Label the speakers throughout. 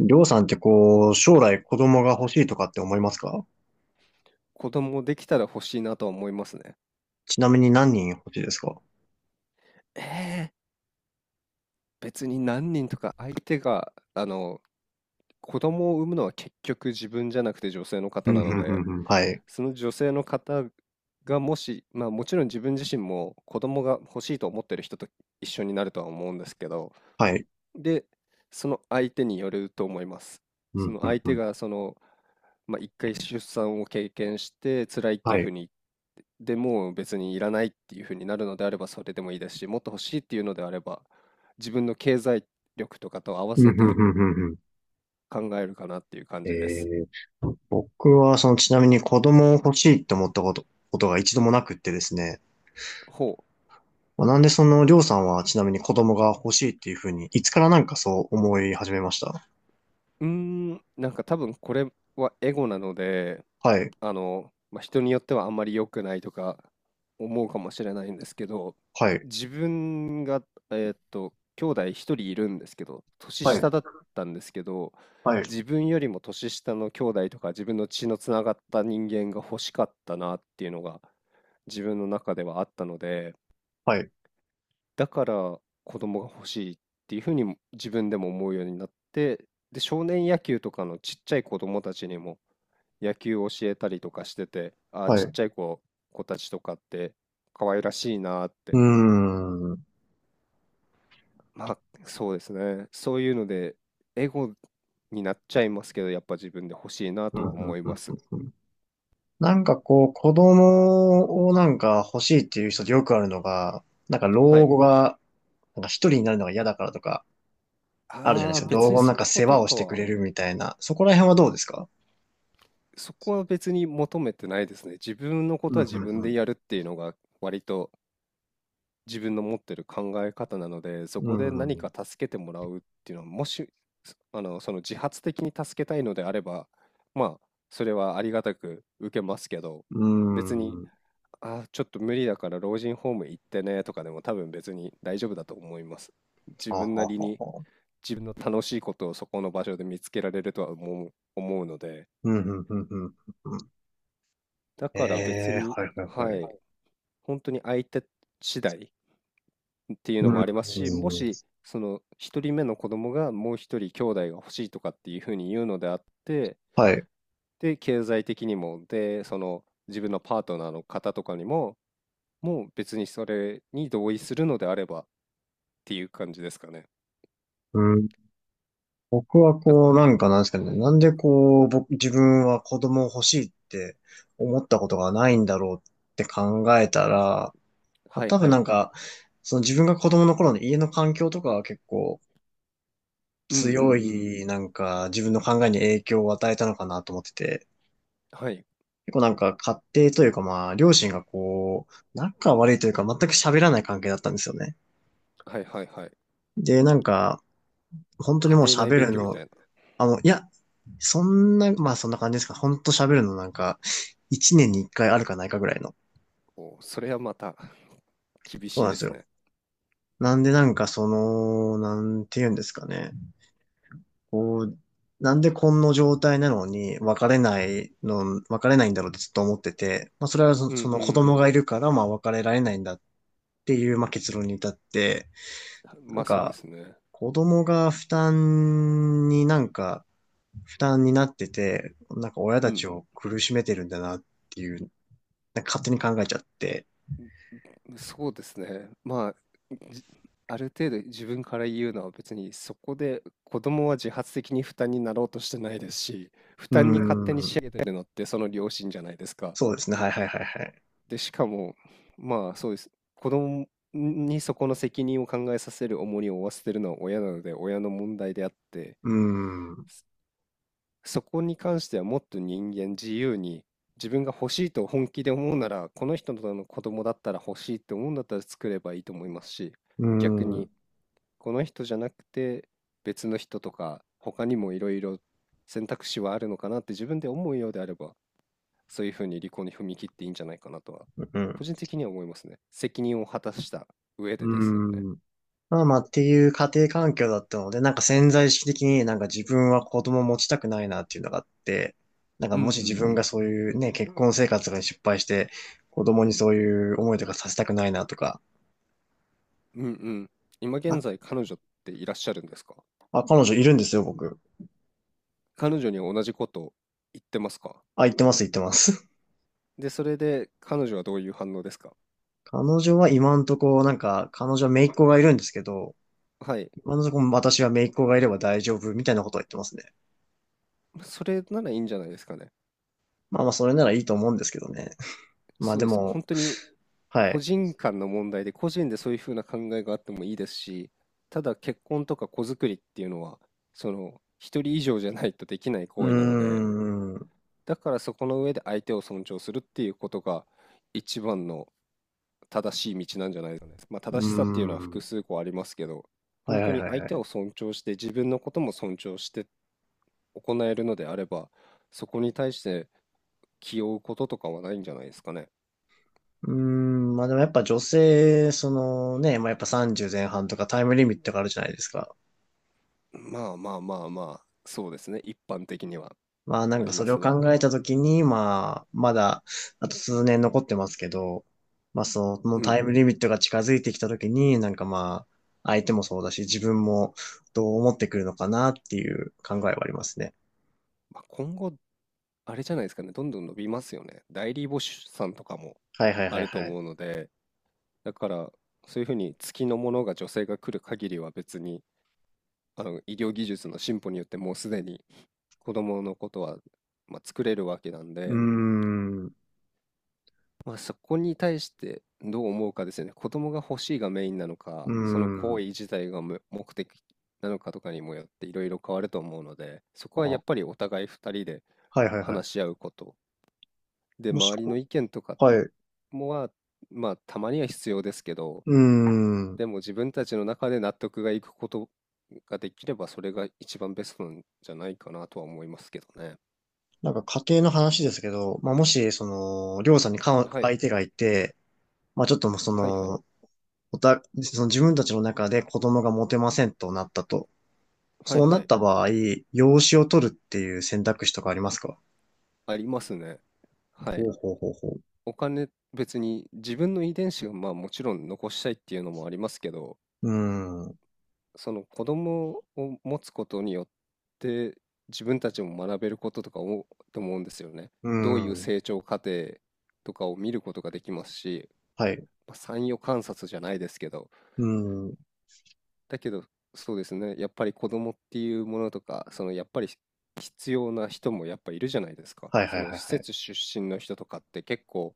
Speaker 1: りょうさんってこう、将来子供が欲しいとかって思いますか？
Speaker 2: 子供できたら欲しいなとは思いますね。
Speaker 1: ちなみに何人欲しいですか？
Speaker 2: えー別に何人とか相手が、子供を産むのは結局自分じゃなくて女性の
Speaker 1: う
Speaker 2: 方
Speaker 1: ん、う
Speaker 2: なの
Speaker 1: ん、う
Speaker 2: で、
Speaker 1: ん、うん。はい。
Speaker 2: その女性の方がもし、まあもちろん自分自身も子供が欲しいと思ってる人と一緒になるとは思うんですけど、
Speaker 1: はい。
Speaker 2: で、その相手によると思います。
Speaker 1: う
Speaker 2: そ
Speaker 1: ん、
Speaker 2: の
Speaker 1: うん、
Speaker 2: 相
Speaker 1: う
Speaker 2: 手
Speaker 1: ん。
Speaker 2: がまあ、一回出産を経験して辛いって
Speaker 1: は
Speaker 2: いうふう
Speaker 1: い。
Speaker 2: に、でもう別にいらないっていうふうになるのであればそれでもいいですし、もっと欲しいっていうのであれば、自分の経済力とかと合わ
Speaker 1: うん、う
Speaker 2: せ
Speaker 1: ん、
Speaker 2: て
Speaker 1: うん、うん。うん。
Speaker 2: 考えるかなっていう感
Speaker 1: え
Speaker 2: じです。
Speaker 1: 僕はそのちなみに子供を欲しいって思ったことが一度もなくってですね。
Speaker 2: ほ
Speaker 1: まあ、なんでそのりょうさんはちなみに子供が欲しいっていうふうに、いつからなんかそう思い始めました？
Speaker 2: う。なんか多分これはエゴなので、
Speaker 1: はい。
Speaker 2: まあ、人によってはあんまり良くないとか思うかもしれないんですけど、
Speaker 1: はい。
Speaker 2: 自分が、兄弟一人いるんですけど、年
Speaker 1: はい。
Speaker 2: 下だったんですけど、
Speaker 1: はい。
Speaker 2: 自分よりも年下の兄弟とか自分の血のつながった人間が欲しかったなっていうのが自分の中ではあったので、
Speaker 1: はい。
Speaker 2: だから子供が欲しいっていうふうにも自分でも思うようになって、で、少年野球とかのちっちゃい子供たちにも野球を教えたりとかしてて、ああ、
Speaker 1: はい。
Speaker 2: ちっ
Speaker 1: う
Speaker 2: ちゃい子たちとかって可愛らしいなーっ
Speaker 1: ー
Speaker 2: て。
Speaker 1: ん。うん、
Speaker 2: まあ、そうですね。そういうので、エゴになっちゃいますけど、やっぱ自分で欲しいな
Speaker 1: うん、
Speaker 2: と
Speaker 1: う
Speaker 2: は思
Speaker 1: ん、
Speaker 2: います。
Speaker 1: うん。なんかこう、子供をなんか欲しいっていう人でよくあるのが、なんか
Speaker 2: は
Speaker 1: 老
Speaker 2: い。
Speaker 1: 後が、なんか一人になるのが嫌だからとか、あるじゃない
Speaker 2: あ
Speaker 1: で
Speaker 2: あ、
Speaker 1: すか。老
Speaker 2: 別に
Speaker 1: 後のなん
Speaker 2: そ
Speaker 1: か
Speaker 2: こ
Speaker 1: 世
Speaker 2: と
Speaker 1: 話をし
Speaker 2: か
Speaker 1: てく
Speaker 2: は、
Speaker 1: れるみたいな。そこら辺はどうですか？
Speaker 2: そこは別に求めてないですね。自分のこ
Speaker 1: う
Speaker 2: とは
Speaker 1: ん、
Speaker 2: 自分
Speaker 1: う
Speaker 2: で
Speaker 1: ん、
Speaker 2: やるっていうのが割と自分の持ってる考え方なので、そ
Speaker 1: う
Speaker 2: こで何
Speaker 1: ん。
Speaker 2: か助けてもらうっていうのは、もし、その自発的に助けたいのであれば、まあ、それはありがたく受けますけど、
Speaker 1: う
Speaker 2: 別
Speaker 1: ん。
Speaker 2: に、
Speaker 1: うん。
Speaker 2: ちょっと無理だから老人ホーム行ってねとかでも多分別に大丈夫だと思います。自
Speaker 1: は
Speaker 2: 分な
Speaker 1: は
Speaker 2: り
Speaker 1: は
Speaker 2: に
Speaker 1: は。
Speaker 2: 自分の楽しいことをそこの場所で見つけられるとは思うので、
Speaker 1: うん、うん、うん、うん。
Speaker 2: だ
Speaker 1: え、
Speaker 2: から別
Speaker 1: え
Speaker 2: に、
Speaker 1: ー、はい、はい、はい。
Speaker 2: は
Speaker 1: は
Speaker 2: い、
Speaker 1: い。
Speaker 2: 本当に相手次第っていう
Speaker 1: う
Speaker 2: のも
Speaker 1: ん、
Speaker 2: ありますし、も
Speaker 1: うん。
Speaker 2: し、その一人目の子供がもう一人兄弟が欲しいとかっていうふうに言うのであって、
Speaker 1: はい。
Speaker 2: で、経済的にも、で、その自分のパートナーの方とかにも、もう別にそれに同意するのであればっていう感じですかね。
Speaker 1: うん。僕は
Speaker 2: だか
Speaker 1: こう、
Speaker 2: ら、
Speaker 1: なんかなんですかね、なんでこう、僕、自分は子供欲しいって思ったことがないんだろうって考えたら、まあ、
Speaker 2: はい
Speaker 1: 多は分い。
Speaker 2: は
Speaker 1: な
Speaker 2: い。
Speaker 1: んか、その自分が子供の頃の家の環境とかは結構
Speaker 2: うんうんう
Speaker 1: 強
Speaker 2: ん。
Speaker 1: い、なんか自分の考えに影響を与えたのかなと思ってて、
Speaker 2: はい。
Speaker 1: 結構なんか家庭というかまあ、両親がこう、仲悪いというか全く喋らない関係だったんですよね。
Speaker 2: はいはいはい。
Speaker 1: で、なんか、本当に
Speaker 2: 家
Speaker 1: もう
Speaker 2: 庭内
Speaker 1: 喋
Speaker 2: 別
Speaker 1: る
Speaker 2: 居み
Speaker 1: の、
Speaker 2: たいな。
Speaker 1: あの、いや、そんな、まあそんな感じですか。ほんと喋るのなんか、一年に一回あるかないかぐらいの。
Speaker 2: お、それはまた 厳
Speaker 1: そう
Speaker 2: しい
Speaker 1: なん
Speaker 2: で
Speaker 1: です
Speaker 2: す
Speaker 1: よ。
Speaker 2: ね。
Speaker 1: なんでなんかその、なんて言うんですかね。こう、なんでこんな状態なのに別れないの、別れないんだろうってずっと思ってて、まあそれはそ
Speaker 2: うんう
Speaker 1: その子供
Speaker 2: ん。
Speaker 1: がいるから、まあ別れられないんだっていう、まあ結論に至って、な
Speaker 2: ま
Speaker 1: ん
Speaker 2: あそうで
Speaker 1: か、
Speaker 2: すね。
Speaker 1: 子供が負担になんか、負担になってて、なんか親
Speaker 2: う
Speaker 1: たち
Speaker 2: ん
Speaker 1: を苦しめてるんだなっていうなんか勝手に考えちゃって。
Speaker 2: そうですね。まあ、じある程度自分から言うのは別にそこで子供は自発的に負担になろうとしてないですし、負
Speaker 1: うー
Speaker 2: 担に勝手に仕
Speaker 1: ん。
Speaker 2: 上げてるのってその両親じゃないですか。
Speaker 1: そうですね。はいはいはいはい。
Speaker 2: で、しかも、まあそうです。子供にそこの責任を考えさせる重荷を負わせてるのは親なので親の問題であって、
Speaker 1: うーん。う
Speaker 2: そこに関してはもっと人間自由に自分が欲しいと本気で思うなら、この人の子供だったら欲しいって思うんだったら作ればいいと思いますし、
Speaker 1: ー
Speaker 2: 逆に
Speaker 1: ん。
Speaker 2: この人じゃなくて別の人とか他にもいろいろ選択肢はあるのかなって自分で思うようであればそういうふうに離婚に踏み切っていいんじゃないかなとは
Speaker 1: う
Speaker 2: 個
Speaker 1: ん。
Speaker 2: 人的には思いますね。責任を果たした上
Speaker 1: う
Speaker 2: でですよね。
Speaker 1: ーん。まあまあっていう家庭環境だったので、なんか潜在意識的になんか自分は子供を持ちたくないなっていうのがあって、なんか
Speaker 2: う
Speaker 1: も
Speaker 2: ん
Speaker 1: し
Speaker 2: う
Speaker 1: 自
Speaker 2: んう
Speaker 1: 分が
Speaker 2: ん
Speaker 1: そういうね、結婚生活が失敗して、子供にそういう思いとかさせたくないなとか。
Speaker 2: うんうん。今現
Speaker 1: あ、
Speaker 2: 在彼女っていらっしゃるんですか？
Speaker 1: 彼女いるんですよ、僕。
Speaker 2: 彼女に同じこと言ってますか？
Speaker 1: あ、言ってます、言ってます。
Speaker 2: でそれで彼女はどういう反応ですか？
Speaker 1: 彼女は今んとこ、なんか、彼女は姪っ子がいるんですけど、
Speaker 2: はい、
Speaker 1: 今のところ私は姪っ子がいれば大丈夫みたいなことを言ってますね。
Speaker 2: それならいいんじゃないですかね。
Speaker 1: まあまあ、それならいいと思うんですけどね。まあ
Speaker 2: そう
Speaker 1: で
Speaker 2: です。
Speaker 1: も、
Speaker 2: 本当に
Speaker 1: は
Speaker 2: 個
Speaker 1: い。
Speaker 2: 人間の問題で個人でそういうふうな考えがあってもいいですし、ただ結婚とか子作りっていうのは、その一人以上じゃないとできない
Speaker 1: うー
Speaker 2: 行為なので、
Speaker 1: ん、う
Speaker 2: だからそこの上で相手を尊重するっていうことが一番の正しい道なんじゃないですかね。まあ
Speaker 1: ー
Speaker 2: 正しさっていうのは複
Speaker 1: ん。
Speaker 2: 数個ありますけど、
Speaker 1: は
Speaker 2: 本
Speaker 1: いは
Speaker 2: 当
Speaker 1: い
Speaker 2: に
Speaker 1: はい
Speaker 2: 相
Speaker 1: は
Speaker 2: 手を
Speaker 1: い。
Speaker 2: 尊重して自分のことも尊重して行えるのであれば、そこに対して気負うこととかはないんじゃないですかね。
Speaker 1: うーん、まあでもやっぱ女性、そのね、まあやっぱ30前半とかタイムリミットがあるじゃないですか。
Speaker 2: まあまあまあまあ、そうですね、一般的には。
Speaker 1: まあなん
Speaker 2: あ
Speaker 1: か
Speaker 2: り
Speaker 1: そ
Speaker 2: ま
Speaker 1: れを
Speaker 2: すね。
Speaker 1: 考えたときに、まあ、まだあと数年残ってますけど、まあその
Speaker 2: う
Speaker 1: タ
Speaker 2: ん。
Speaker 1: イムリミットが近づいてきたときに、なんかまあ、相手もそうだし、自分もどう思ってくるのかなっていう考えはありますね。
Speaker 2: まあ、今後、あれじゃないですかね、どんどん伸びますよね。代理母子さんとかも
Speaker 1: はいはい
Speaker 2: あ
Speaker 1: はい
Speaker 2: ると
Speaker 1: はい。
Speaker 2: 思うので、だから、そういうふうに月のものが女性が来る限りは別に、医療技術の進歩によってもうすでに子供のことは、まあ、作れるわけなん
Speaker 1: うー
Speaker 2: で、
Speaker 1: ん、う
Speaker 2: まあ、そこに対してどう思うかですよね。子供が欲しいがメインなの
Speaker 1: ー
Speaker 2: か、その行
Speaker 1: ん。
Speaker 2: 為自体が目的なのかとかにもよっていろいろ変わると思うので、そ
Speaker 1: あ、
Speaker 2: こはやっ
Speaker 1: は
Speaker 2: ぱりお互い2人で
Speaker 1: いはいはい。
Speaker 2: 話し合うことで、
Speaker 1: もし
Speaker 2: 周りの
Speaker 1: こ、
Speaker 2: 意見とか
Speaker 1: はい。う
Speaker 2: もは、まあ、たまには必要ですけど、
Speaker 1: ーん。
Speaker 2: でも自分たちの中で納得がいくことができれば、それが一番ベストなんじゃないかなとは思いますけどね。
Speaker 1: なんか家庭の話ですけど、まあもし、その、りょうさんにか
Speaker 2: はい。
Speaker 1: 相手がいて、まあちょっともうそ
Speaker 2: はいはい。
Speaker 1: の、その自分たちの中で子供が持てませんとなったと。
Speaker 2: はい
Speaker 1: そうな
Speaker 2: は
Speaker 1: っ
Speaker 2: い。
Speaker 1: た場合、養子を取るっていう選択肢とかありますか？
Speaker 2: ありますね。は
Speaker 1: ほ
Speaker 2: い。
Speaker 1: うほうほうほう。
Speaker 2: お金、別に自分の遺伝子をまあもちろん残したいっていうのもありますけど、
Speaker 1: うーん。う
Speaker 2: その子供を持つことによって自分たちも学べることとか思うと思うんですよね。
Speaker 1: ー
Speaker 2: どういう
Speaker 1: ん。
Speaker 2: 成長過程とかを見ることができますし、
Speaker 1: はい。う
Speaker 2: まあ、参与観察じゃないですけど、
Speaker 1: ーん。
Speaker 2: だけどそうですね、やっぱり子供っていうものとか、そのやっぱり必要な人もやっぱいるじゃないですか。
Speaker 1: はいは
Speaker 2: そ
Speaker 1: い
Speaker 2: の
Speaker 1: はい
Speaker 2: 施
Speaker 1: はい。
Speaker 2: 設出身の人とかって結構、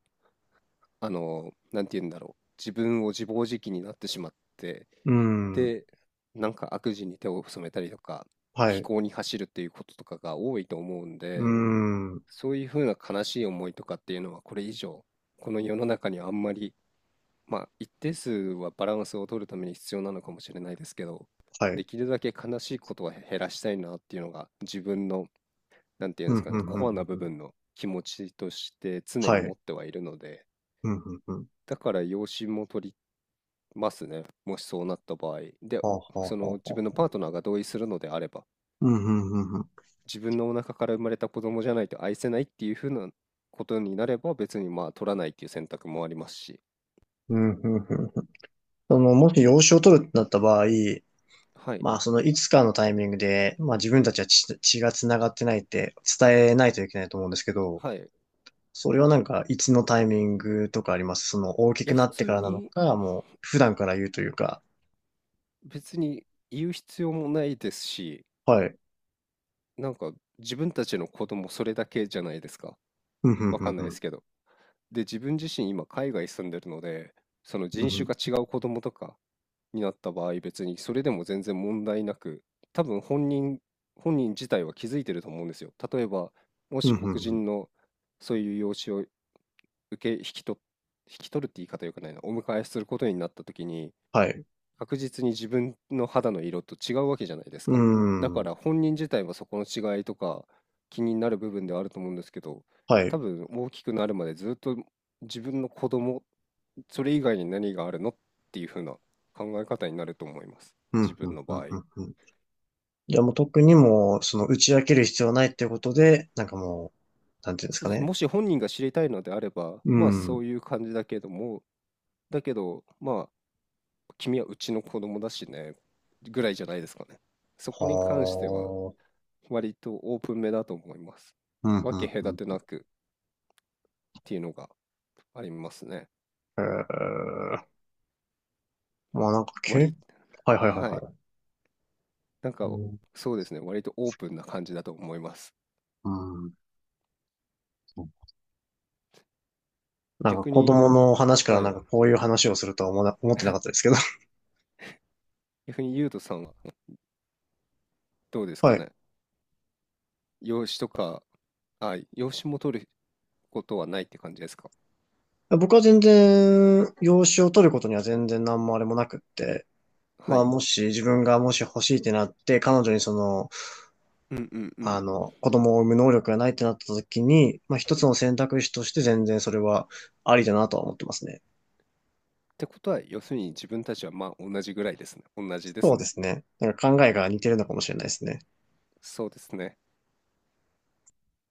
Speaker 2: なんて言うんだろう、自分を自暴自棄になってしまって、
Speaker 1: うーん。
Speaker 2: で、なんか悪事に手を染めたりとか、
Speaker 1: はい。
Speaker 2: 非
Speaker 1: う
Speaker 2: 行に走るっていうこととかが多いと思うん
Speaker 1: ー
Speaker 2: で、
Speaker 1: ん。
Speaker 2: そういうふうな悲しい思いとかっていうのはこれ以上、この世の中にあんまり、まあ一定数はバランスを取るために必要なのかもしれないですけど、
Speaker 1: はい。
Speaker 2: できるだけ悲しいことは減らしたいなっていうのが自分の、なんていうん
Speaker 1: う
Speaker 2: です
Speaker 1: ん、
Speaker 2: か
Speaker 1: う
Speaker 2: ね、
Speaker 1: ん、うん、う
Speaker 2: コアな
Speaker 1: ん。
Speaker 2: 部
Speaker 1: うん。
Speaker 2: 分の気持ちとして常
Speaker 1: は
Speaker 2: に持
Speaker 1: い。
Speaker 2: ってはいるので、
Speaker 1: うん、うん、うん。
Speaker 2: だから養子も取りますね。もしそうなった場合。で、
Speaker 1: はあ、は
Speaker 2: そ
Speaker 1: あ、
Speaker 2: の
Speaker 1: はあ、
Speaker 2: 自
Speaker 1: は
Speaker 2: 分の
Speaker 1: あ。
Speaker 2: パートナーが同意するのであれば、
Speaker 1: うん、うん、うん、うん。
Speaker 2: 自分のお腹から生まれた子供じゃないと愛せないっていうふうなことになれば、別にまあ取らないっていう選択もありますし。
Speaker 1: うん、うん、うん。その、もし養子を取るってなった場合、
Speaker 2: はい。
Speaker 1: まあ、そのいつかのタイミングで、まあ自分たちは血が繋がってないって伝えないといけないと思うんですけど、
Speaker 2: はい。い
Speaker 1: それはなんかいつのタイミングとかありますその大き
Speaker 2: や、
Speaker 1: くな
Speaker 2: 普
Speaker 1: ってか
Speaker 2: 通
Speaker 1: らなの
Speaker 2: に
Speaker 1: か、もう普段から言うというか、
Speaker 2: 別に言う必要もないですし、
Speaker 1: はい。
Speaker 2: なんか自分たちの子供それだけじゃないですか。
Speaker 1: うん、ふん
Speaker 2: わ
Speaker 1: ふ
Speaker 2: か
Speaker 1: ん
Speaker 2: ん
Speaker 1: ふ
Speaker 2: ないで
Speaker 1: ん。
Speaker 2: すけど。で、自分自身今海外住んでるので、その
Speaker 1: うん
Speaker 2: 人
Speaker 1: ふ
Speaker 2: 種
Speaker 1: ん、
Speaker 2: が違う子供とか、になった場合、別にそれでも全然問題なく、多分本人自体は気づいてると思うんですよ。例えば、も
Speaker 1: う
Speaker 2: し
Speaker 1: ん
Speaker 2: 黒
Speaker 1: ふんふん。
Speaker 2: 人のそういう養子を受け、引き取っ、引き取るって言い方よくないな、お迎えすることになった時に、
Speaker 1: はい。う
Speaker 2: 確実に自分の肌の色と違うわけじゃないですか。だか
Speaker 1: ん。
Speaker 2: ら本人自体はそこの違いとか気になる部分ではあると思うんですけど、
Speaker 1: は
Speaker 2: 多
Speaker 1: い。
Speaker 2: 分大きくなるまでずっと自分の子供それ以外に何があるのっていう風な考え方になると思います。
Speaker 1: うん、
Speaker 2: 自
Speaker 1: ふ
Speaker 2: 分
Speaker 1: ん
Speaker 2: の
Speaker 1: ふん
Speaker 2: 場合。
Speaker 1: ふんふん。じゃあもう特にもう、その打ち明ける必要はないっていうことで、なんかもう、なんていうんです
Speaker 2: そ
Speaker 1: か
Speaker 2: うです。
Speaker 1: ね。
Speaker 2: もし本人が知りたいのであれば、
Speaker 1: う
Speaker 2: まあそ
Speaker 1: ん。
Speaker 2: ういう感じだけども、だけど、まあ、君はうちの子供だしね、ぐらいじゃないですかね。そこに関しては、
Speaker 1: はあ。
Speaker 2: 割とオープンめだと思います。
Speaker 1: うん、う
Speaker 2: 分け
Speaker 1: ん、う
Speaker 2: 隔て
Speaker 1: ん。
Speaker 2: なくっていうのがありますね。
Speaker 1: ええ。まあなんか経
Speaker 2: 割、
Speaker 1: はいはいは
Speaker 2: は
Speaker 1: い
Speaker 2: い。
Speaker 1: はい。
Speaker 2: なんか、そうですね。割とオープンな感じだと思います。
Speaker 1: うんうん。なんか
Speaker 2: 逆
Speaker 1: 子
Speaker 2: に、
Speaker 1: 供の話から
Speaker 2: は
Speaker 1: なん
Speaker 2: い。
Speaker 1: かこういう話をするとは思わな、思ってなかったですけど。
Speaker 2: 逆にゆうとさんはどうで す
Speaker 1: は
Speaker 2: か
Speaker 1: い。
Speaker 2: ね。養子とか、養子も取ることはないって感じですか。
Speaker 1: 僕は全然、養子を取ることには全然何もあれもなくって。
Speaker 2: は
Speaker 1: まあ
Speaker 2: い。
Speaker 1: もし自分がもし欲しいってなって、彼女にその、
Speaker 2: うんうんうん。
Speaker 1: あ
Speaker 2: っ
Speaker 1: の、子供を産む能力がないってなった時に、まあ一つの選択肢として全然それはありだなとは思ってますね。
Speaker 2: てことは、要するに自分たちはまあ同じぐらいですね。同じです
Speaker 1: そうで
Speaker 2: ね。
Speaker 1: すね。なんか考えが似てるのかもしれないですね。
Speaker 2: そうですね。